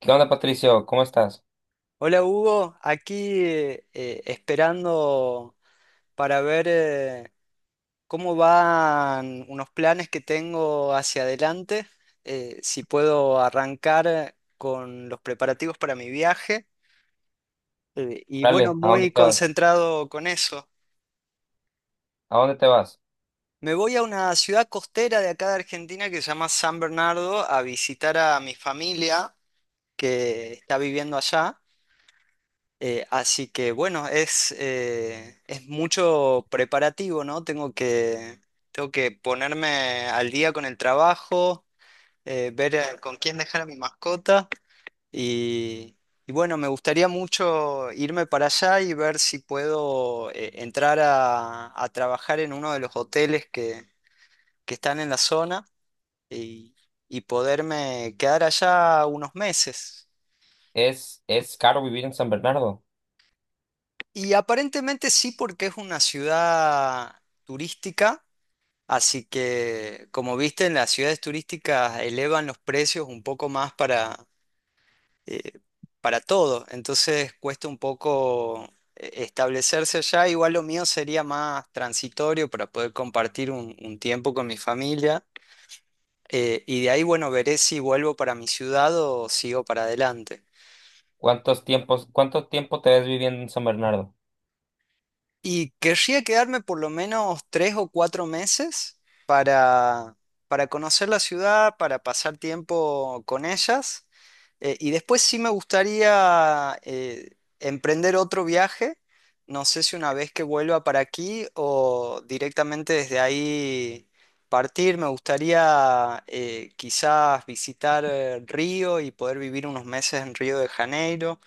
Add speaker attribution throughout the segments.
Speaker 1: ¿Qué onda, Patricio? ¿Cómo estás?
Speaker 2: Hola Hugo, aquí esperando para ver, cómo van unos planes que tengo hacia adelante, si puedo arrancar con los preparativos para mi viaje. Bueno,
Speaker 1: Dale, ¿a dónde
Speaker 2: muy
Speaker 1: te vas?
Speaker 2: concentrado con eso.
Speaker 1: ¿A dónde te vas?
Speaker 2: Me voy a una ciudad costera de acá de Argentina que se llama San Bernardo a visitar a mi familia que está viviendo allá. Así que bueno, es mucho preparativo, ¿no? Tengo que ponerme al día con el trabajo, ver, con quién dejar a mi mascota y, y bueno, me gustaría mucho irme para allá y ver si puedo, entrar a trabajar en uno de los hoteles que están en la zona y, y poderme quedar allá unos meses.
Speaker 1: Es caro vivir en San Bernardo.
Speaker 2: Y aparentemente sí, porque es una ciudad turística, así que como viste, en las ciudades turísticas elevan los precios un poco más eh, para todo, entonces cuesta un poco, establecerse allá. Igual lo mío sería más transitorio para poder compartir un tiempo con mi familia, y de ahí, bueno, veré si vuelvo para mi ciudad o sigo para adelante.
Speaker 1: ¿Cuánto tiempo te ves viviendo en San Bernardo?
Speaker 2: Y querría quedarme por lo menos tres o cuatro meses para, para conocer la ciudad, para pasar tiempo con ellas. Y después sí me gustaría, emprender otro viaje. No sé si una vez que vuelva para aquí o directamente desde ahí partir. Me gustaría, quizás visitar, Río, y poder vivir unos meses en Río de Janeiro,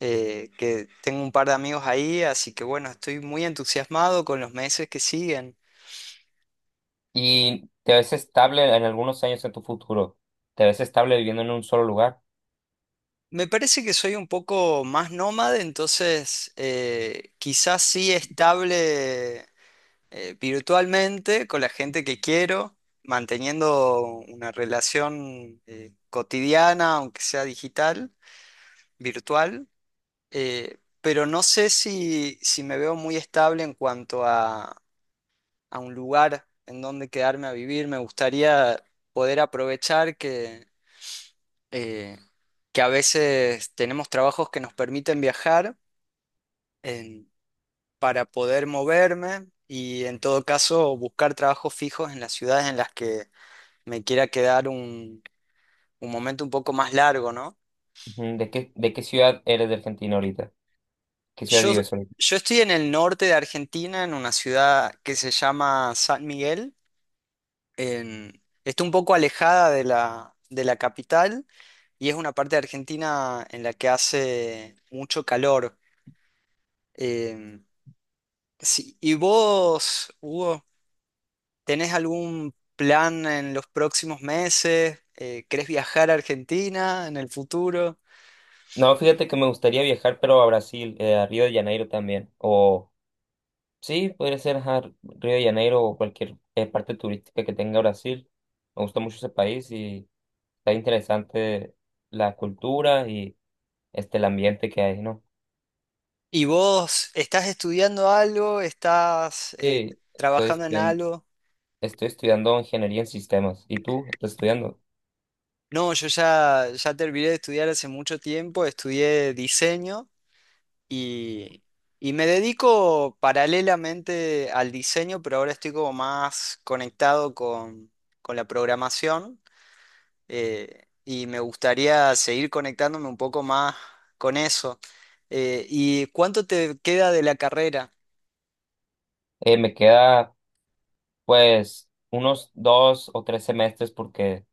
Speaker 2: que tengo un par de amigos ahí, así que bueno, estoy muy entusiasmado con los meses que siguen.
Speaker 1: ¿Y te ves estable en algunos años en tu futuro? ¿Te ves estable viviendo en un solo lugar?
Speaker 2: Me parece que soy un poco más nómade, entonces, quizás sí estable, virtualmente con la gente que quiero, manteniendo una relación, cotidiana, aunque sea digital, virtual, pero no sé si me veo muy estable en cuanto a un lugar en donde quedarme a vivir. Me gustaría poder aprovechar eh, que a veces tenemos trabajos que nos permiten viajar en- para poder moverme y en todo caso buscar trabajos fijos en las ciudades en las que me quiera quedar un momento un poco más largo, ¿no?
Speaker 1: Ujú. ¿De qué ciudad eres de Argentina ahorita? ¿Qué ciudad
Speaker 2: Yo,
Speaker 1: vives ahorita?
Speaker 2: yo estoy en el norte de Argentina, en una ciudad que se llama San Miguel. Está un poco alejada de la capital y es una parte de Argentina en la que hace mucho calor. Eh, sí, ¿y vos, Hugo, tenés algún plan en los próximos meses? ¿Querés viajar a Argentina en el futuro?
Speaker 1: No, fíjate que me gustaría viajar, pero a Brasil, a Río de Janeiro también. O sí, podría ser, ajá, Río de Janeiro o cualquier parte turística que tenga Brasil. Me gusta mucho ese país y está interesante la cultura y el ambiente que hay, ¿no?
Speaker 2: ¿Y vos estás estudiando algo? ¿Estás,
Speaker 1: Sí, estoy
Speaker 2: trabajando en
Speaker 1: estudiando,
Speaker 2: algo?
Speaker 1: estoy estudiando ingeniería en sistemas. ¿Y tú? ¿Estás estudiando?
Speaker 2: No, ya terminé de estudiar hace mucho tiempo, estudié diseño Y, y me dedico paralelamente al diseño, pero ahora estoy como más conectado con la programación, y me gustaría seguir conectándome un poco más con eso. ¿Y cuánto te queda de la carrera?
Speaker 1: Me queda pues unos 2 o 3 semestres porque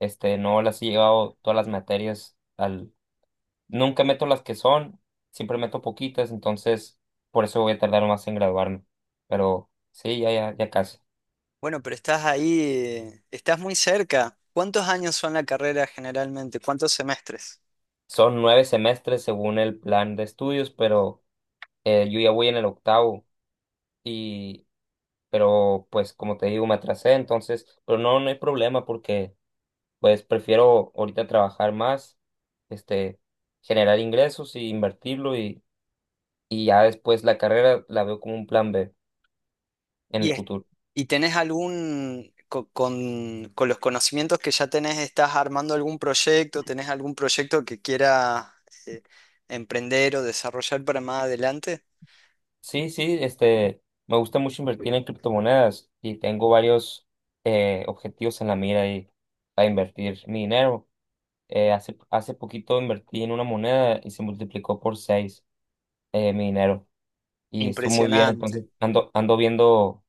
Speaker 1: no las he llevado todas las materias al. Nunca meto las que son, siempre meto poquitas, entonces por eso voy a tardar más en graduarme. Pero sí, ya, ya, ya casi.
Speaker 2: Bueno, pero estás ahí, estás muy cerca. ¿Cuántos años son la carrera generalmente? ¿Cuántos semestres?
Speaker 1: Son 9 semestres según el plan de estudios, pero yo ya voy en el octavo. Y pero pues como te digo, me atrasé, entonces pero no hay problema porque pues prefiero ahorita trabajar más, este generar ingresos y invertirlo, y ya después la carrera la veo como un plan B en
Speaker 2: ¿Y,
Speaker 1: el futuro.
Speaker 2: y tenés algún, con los conocimientos que ya tenés, estás armando algún proyecto, tenés algún proyecto que quieras, eh, emprender o desarrollar para más adelante?
Speaker 1: Sí, sí, me gusta mucho invertir en criptomonedas y tengo varios objetivos en la mira y para invertir mi dinero. Hace poquito invertí en una moneda y se multiplicó por seis, mi dinero, y estuvo muy bien.
Speaker 2: Impresionante.
Speaker 1: Entonces ando viendo,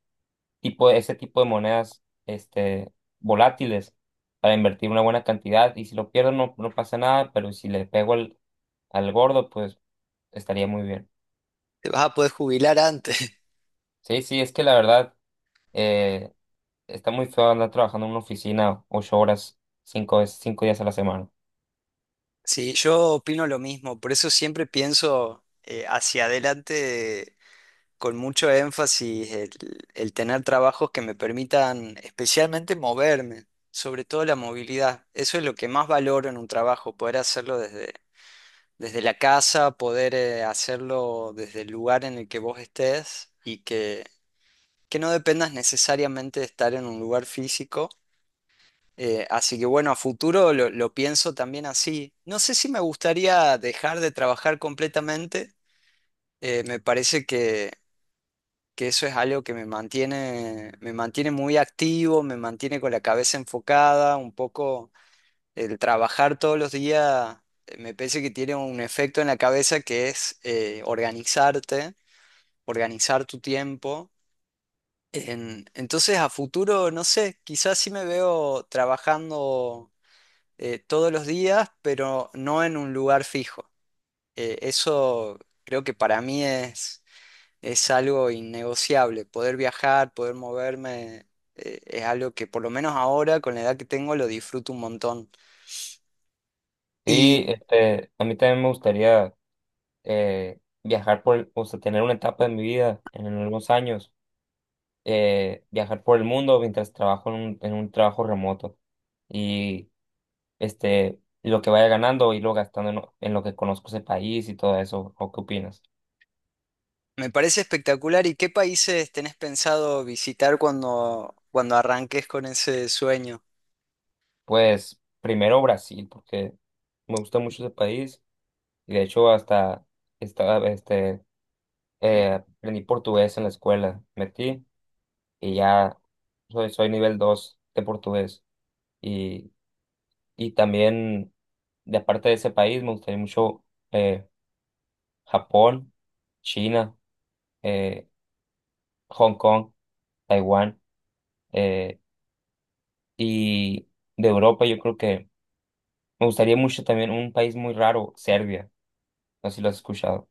Speaker 1: ese tipo de monedas, volátiles, para invertir una buena cantidad. Y si lo pierdo, no pasa nada, pero si le pego al gordo, pues estaría muy bien.
Speaker 2: Te vas a poder jubilar antes.
Speaker 1: Sí, sí, es que la verdad eh, está muy feo andar trabajando en una oficina 8 horas, 5 días a la semana.
Speaker 2: Sí, yo opino lo mismo, por eso siempre pienso, hacia adelante con mucho énfasis el tener trabajos que me permitan especialmente moverme, sobre todo la movilidad. Eso es lo que más valoro en un trabajo, poder hacerlo desde, desde la casa, poder, hacerlo desde el lugar en el que vos estés y que no dependas necesariamente de estar en un lugar físico. Así que bueno, a futuro lo pienso también así. No sé si me gustaría dejar de trabajar completamente. Me parece que eso es algo que me mantiene muy activo, me mantiene con la cabeza enfocada, un poco el trabajar todos los días, me parece que tiene un efecto en la cabeza que es, organizarte, organizar tu tiempo. Entonces a futuro, no sé, quizás sí me veo trabajando, todos los días, pero no en un lugar fijo. Eso creo que para mí es algo innegociable. Poder viajar, poder moverme, es algo que por lo menos ahora, con la edad que tengo, lo disfruto un montón. Y
Speaker 1: Sí, a mí también me gustaría viajar o sea, tener una etapa de mi vida en algunos años, viajar por el mundo mientras trabajo en un trabajo remoto y, lo que vaya ganando, irlo gastando en lo que conozco ese país y todo eso. ¿O qué opinas?
Speaker 2: me parece espectacular. ¿Y qué países tenés pensado visitar cuando, cuando arranques con ese sueño?
Speaker 1: Pues primero Brasil, porque me gusta mucho ese país, y de hecho hasta estaba, este, eh, aprendí portugués en la escuela, metí, y ya soy nivel 2 de portugués, y, y también, de aparte de ese país, me gustaría mucho eh, Japón, China, eh, Hong Kong, Taiwán, eh, y de Europa yo creo que me gustaría mucho también un país muy raro, Serbia. No sé si lo has escuchado.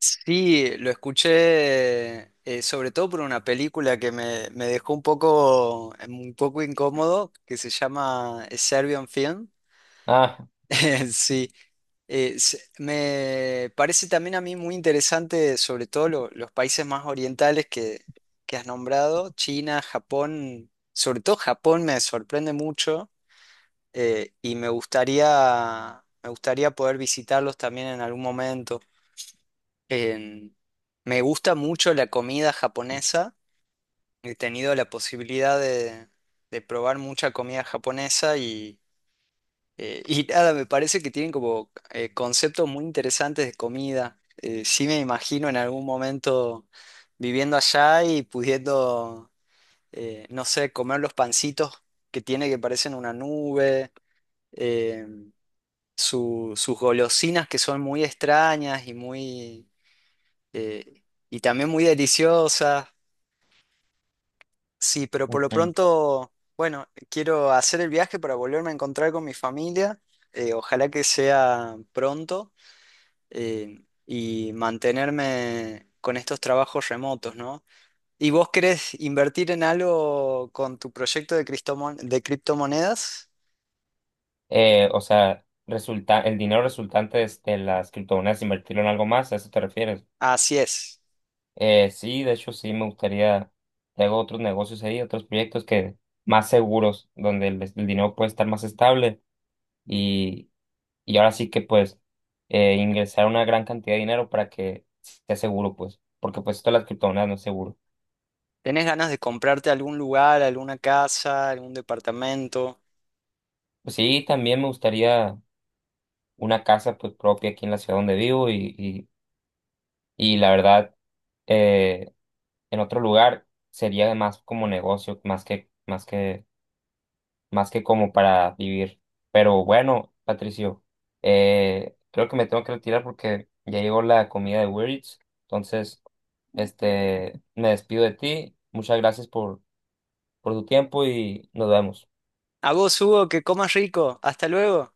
Speaker 2: Sí, lo escuché, sobre todo por una película que me dejó un poco incómodo, que se llama Serbian Film.
Speaker 1: Ah,
Speaker 2: Sí, eh, me parece también a mí muy interesante, sobre todo los países más orientales que has nombrado, China, Japón, sobre todo Japón me sorprende mucho, y me gustaría poder visitarlos también en algún momento. En- Me gusta mucho la comida japonesa, he tenido la posibilidad de probar mucha comida japonesa, y nada, me parece que tienen como, conceptos muy interesantes de comida. Sí me imagino en algún momento viviendo allá y pudiendo, no sé, comer los pancitos que tiene que parecen una nube, eh, sus golosinas que son muy extrañas y muy, eh, y también muy deliciosas. Sí, pero por lo
Speaker 1: ok.
Speaker 2: pronto, bueno, quiero hacer el viaje para volverme a encontrar con mi familia. Ojalá que sea pronto. Eh, y mantenerme con estos trabajos remotos, ¿no? ¿Y vos querés invertir en algo con tu proyecto de, de criptomonedas?
Speaker 1: O sea, resulta, el dinero resultante de las criptomonedas, invertirlo en algo más, ¿a eso te refieres?
Speaker 2: Así es.
Speaker 1: Sí, de hecho sí me gustaría, tengo otros negocios ahí, otros proyectos que más seguros, donde el dinero puede estar más estable, y y ahora sí que pues ingresar una gran cantidad de dinero para que sea seguro, pues, porque pues esto de las criptomonedas no es seguro.
Speaker 2: ¿Tenés ganas de comprarte algún lugar, alguna casa, algún departamento?
Speaker 1: Pues sí, también me gustaría una casa pues propia aquí en la ciudad donde vivo, y la verdad eh, en otro lugar sería más como negocio, más que como para vivir. Pero bueno, Patricio, creo que me tengo que retirar porque ya llegó la comida de Uber Eats, entonces. Me despido de ti. Muchas gracias por tu tiempo y nos vemos.
Speaker 2: A vos, Hugo, que comas rico. Hasta luego.